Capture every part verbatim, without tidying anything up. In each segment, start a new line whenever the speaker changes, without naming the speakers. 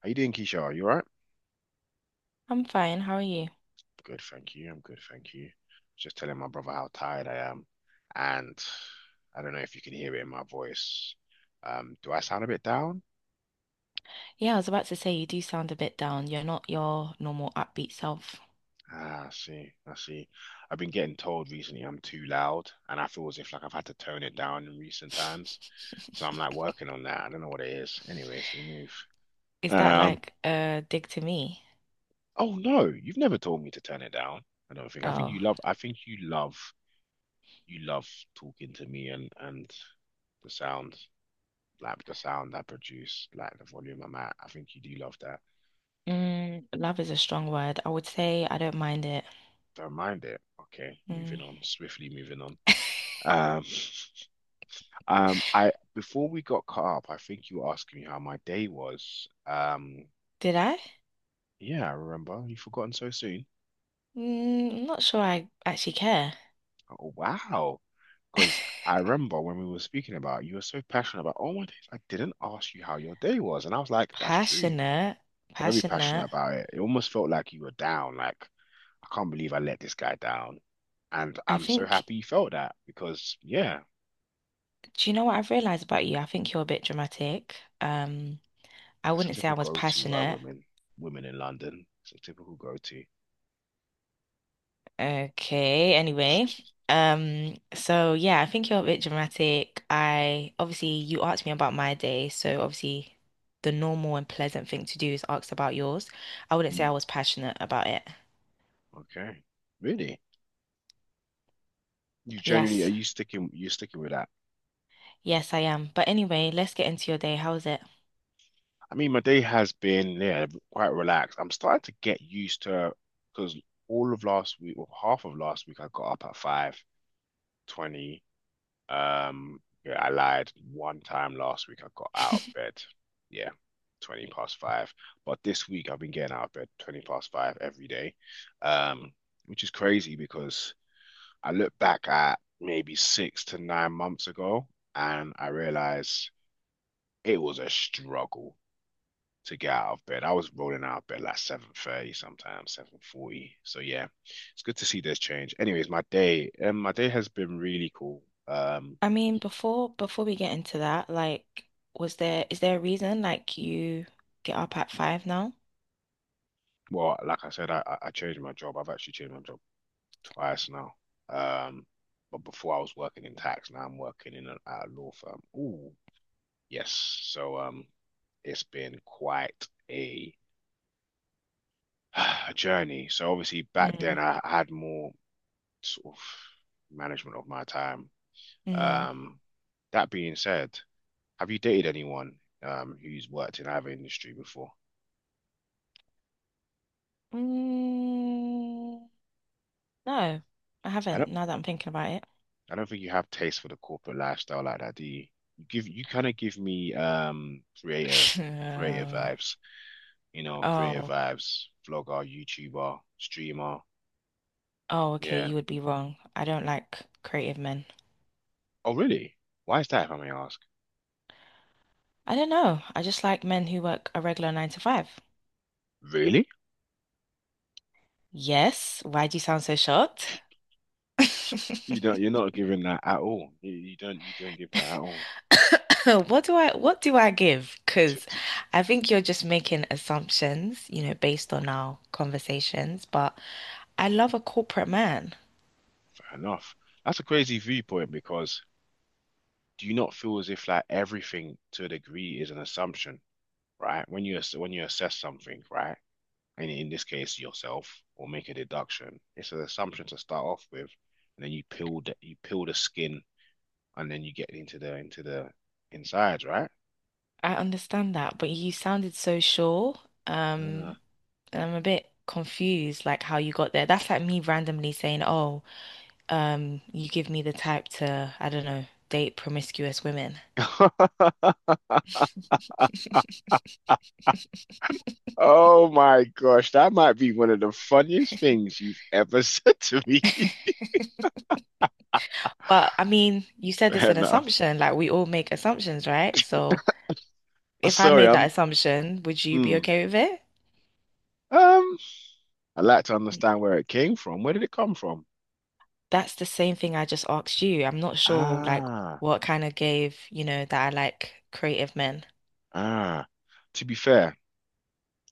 How you doing, Keisha? You all right?
I'm fine. How are you?
Good, thank you. I'm good, thank you. Just telling my brother how tired I am. And I don't know if you can hear it in my voice. Um, do I sound a bit down?
Yeah, I was about to say you do sound a bit down. You're not your normal upbeat self.
Ah, I see, I see. I've been getting told recently I'm too loud, and I feel as if like I've had to tone it down in recent times. So I'm like working on that. I don't know what it is. Anyways, we move.
Is that
Um,
like a dig to me?
oh no, you've never told me to turn it down. I don't think. I think you
Oh,
love I think you love you love talking to me and and the sound. Like the sound I produce, like the volume I'm at. I think you do love that.
mm, love is a strong word. I would say I don't mind it.
Don't mind it. Okay, moving
Mm.
on swiftly. Moving on. Um, um, I before we got caught up, I think you were asking me how my day was. Um,
Did I?
yeah, I remember. You've forgotten so soon.
Mm, I'm not sure I actually care.
Oh, wow. Because I remember when we were speaking about, you were so passionate about, oh my days, I didn't ask you how your day was. And I was like, that's true.
Passionate,
Very passionate
passionate.
about it. It almost felt like you were down, like I can't believe I let this guy down. And
I
I'm so
think,
happy you felt that because yeah,
do you know what I've realized about you? I think you're a bit dramatic. Um, I
it's a
wouldn't say I
typical
was
go-to by
passionate.
women, women in London. It's a typical go-to.
Okay, anyway. Um, so yeah, I think you're a bit dramatic. I obviously you asked me about my day, so obviously the normal and pleasant thing to do is ask about yours. I wouldn't say I
Mm.
was passionate about it.
Okay. Really? You generally are
Yes,
you sticking you are sticking with that?
yes, I am. But anyway, let's get into your day. How was it?
I mean, my day has been yeah, quite relaxed. I'm starting to get used to because all of last week, well, half of last week, I got up at five twenty. Um, yeah, I lied one time last week. I got out of bed. Yeah, twenty past five. But this week I've been getting out of bed twenty past five every day. Um, which is crazy because I look back at maybe six to nine months ago and I realize it was a struggle to get out of bed. I was rolling out of bed like seven thirty sometimes, seven forty. So yeah, it's good to see this change. Anyways, my day, um, my day has been really cool. Um,
I mean, before before we get into that, like, was there is there a reason like you get up at five now?
well, like I said, I, I I changed my job. I've actually changed my job twice now. Um, but before I was working in tax, now I'm working in a, at a law firm. Ooh, yes. So um, it's been quite a, a journey. So obviously back
Mm.
then I had more sort of management of my time.
Mm.
Um, that being said, have you dated anyone um who's worked in either industry before?
Mm, no, I
I
haven't, now that I'm thinking about it.
I don't think you have taste for the corporate lifestyle like that, do you? You give you kind of give me um creator creator
Uh,
vibes, you know, creator
oh,
vibes, vlogger, YouTuber, streamer.
oh, okay,
Yeah.
you would be wrong. I don't like creative men.
Oh, really? Why is that, if I may ask?
I don't know. I just like men who work a regular nine to five.
Really?
Yes, why do you sound so shocked?
You don't you're not giving that at all. You, you don't you don't give that at all.
What do I what do I give?
T-
Because
t-
I think you're just making assumptions, you know, based on our conversations, but I love a corporate man.
Fair enough. That's a crazy viewpoint because do you not feel as if like everything to a degree is an assumption, right? When you ass- when you assess something, right? And in this case yourself, or make a deduction. It's an assumption to start off with, and then you peel the you peel the skin, and then you get into the into the insides, right?
I understand that, but you sounded so sure. Um, I'm a bit confused, like how you got there. That's like me randomly saying, "Oh, um, you give me the type to, I don't know, date promiscuous women."
Ah. Oh my gosh, that might be one of the funniest things you've ever said to me.
But I mean, you said it's
Fair
an
enough.
assumption. Like we all make assumptions, right? So
Oh,
if I
sorry,
made that
I'm.
assumption, would you be
Mm,
okay with it?
um, I'd like to understand where it came from. Where did it come from?
That's the same thing I just asked you. I'm not sure like
Ah,
what kind of gave, you know, that I like creative men.
ah. To be fair,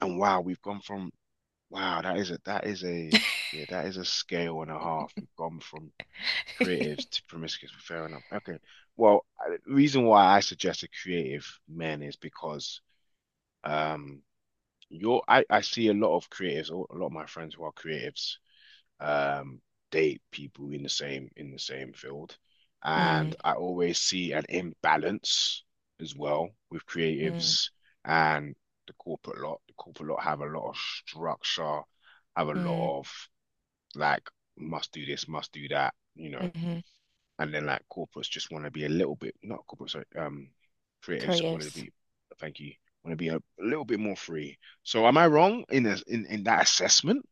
and wow, we've gone from wow, that is a that is a yeah, that is a scale and a half. You've gone from creatives to promiscuous. Fair enough. Okay. Well, I- the reason why I suggested creative men is because um you're I, I see a lot of creatives, a lot of my friends who are creatives, um, date people in the same in the same field. And
Mm,
I always see an imbalance as well with
mm,
creatives and the corporate lot. The corporate lot have a lot of structure, have a
mm,
lot of like must do this, must do that, you know.
hmm
And then like corporates just want to be a little bit not corporates, sorry, um, creatives want to
Creatives.
be, thank you, want to be a little bit more free. So am I wrong in a, in in that assessment?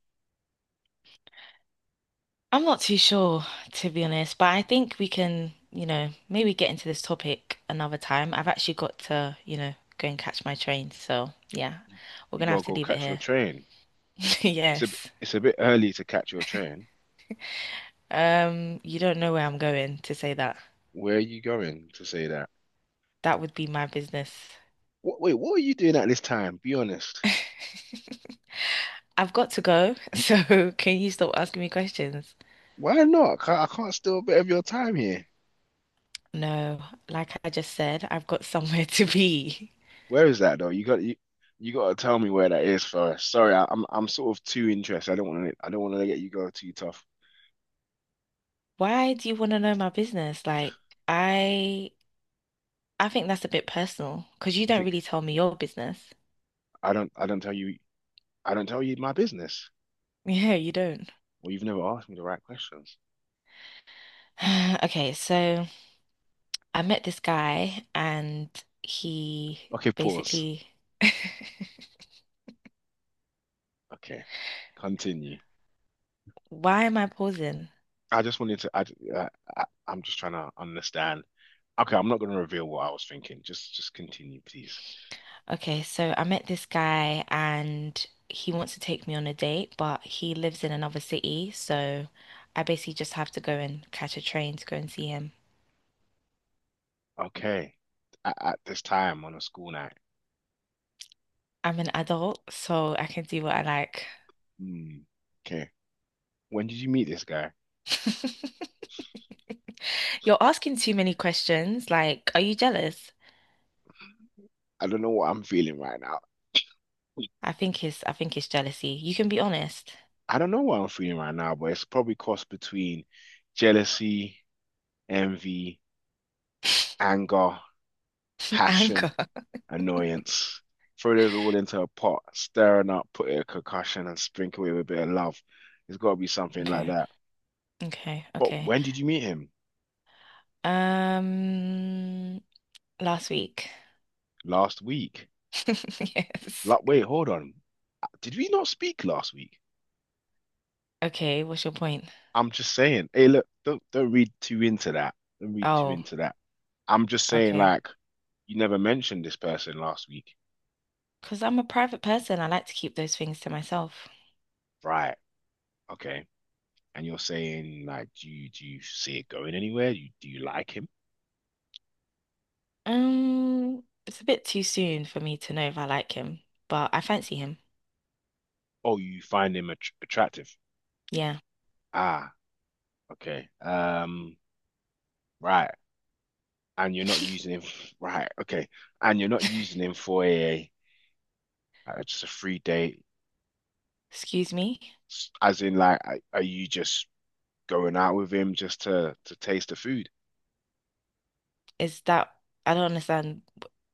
I'm not too sure, to be honest, but I think we can, you know, maybe get into this topic another time. I've actually got to, you know, go and catch my train. So, yeah,
You,
we're
you
gonna
gotta
have to
go
leave it
catch your
here.
train. It's a
Yes.
it's a bit early to catch your train.
Um, you don't know where I'm going to say that.
Where are you going to say that?
That would be my business.
What, wait, what are you doing at this time? Be honest.
I've got to go, so can you stop asking me questions?
Why not? Ca- I can't steal a bit of your time here.
No, like I just said, I've got somewhere to be.
Where is that though? You got you, you got to tell me where that is first. Sorry, I, I'm I'm sort of too interested. I don't want to I don't want to let you go too tough.
Why do you want to know my business? Like, I I think that's a bit personal because you
You
don't
think
really tell me your business.
I don't I don't tell you I don't tell you my business.
Yeah, you don't.
Well, you've never asked me the right questions.
Okay, so I met this guy and he
Okay, pause.
basically
Okay, continue.
why am I pausing?
I just wanted to I, I I- I'm just trying to understand. Okay, I'm not going to reveal what I was thinking. Just just continue, please.
Okay, so I met this guy and he wants to take me on a date, but he lives in another city, so I basically just have to go and catch a train to go and see him.
Okay. At, at this time on a school night.
I'm an adult, so I can do what I like.
Hmm. Okay. When did you meet this guy?
You're asking too many questions. Like, are you jealous?
I don't know what I'm feeling right now.
I think it's I think it's jealousy. You can be honest.
I don't know what I'm feeling right now, but it's probably crossed between jealousy, envy, anger, passion,
Anger.
annoyance. Throw those all into a pot, stirring up, put it a concussion, and sprinkle it with a bit of love. It's got to be something like
Okay.
that.
Okay.
But
Okay.
when did you meet him?
Um, last week.
Last week.
Yes.
Like, wait, hold on. Did we not speak last week?
Okay, what's your point?
I'm just saying. Hey, look, don't don't read too into that. Don't read too
Oh,
into that. I'm just saying,
okay.
like, you never mentioned this person last week,
Because I'm a private person, I like to keep those things to myself.
right? Okay, and you're saying, like, do you do you see it going anywhere? You do you like him?
Um, it's a bit too soon for me to know if I like him, but I fancy him.
Oh, you find him att attractive?
Yeah.
Ah, okay. Um, right. And you're not using him, f- right? Okay, and you're not using him for a uh, just a free date,
Excuse me?
s- as in, like, are are you just going out with him just to to taste the food.
Is that, I don't understand.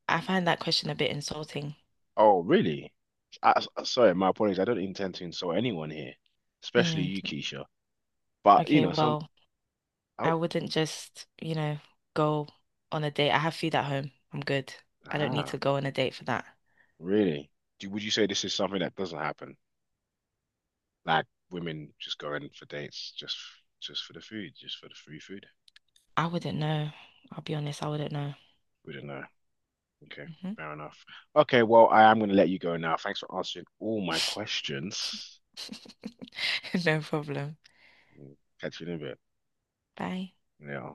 I find that question a bit insulting.
Oh, really? I, I- sorry, my apologies. I don't intend to insult anyone here, especially
Hmm.
you, Keisha. But you
Okay,
know, some
well,
oh
I wouldn't just, you know, go on a date. I have food at home. I'm good. I don't need to
ah,
go on a date for that.
really? Do, would you say this is something that doesn't happen? Like women just going for dates just just for the food, just for the free food?
I wouldn't know. I'll be honest, I wouldn't know.
We don't know. Okay,
Mhm.
fair enough. Okay, well, I am going to let you go now. Thanks for answering all my questions.
No problem.
Mm, catch you in a bit.
Bye.
Yeah.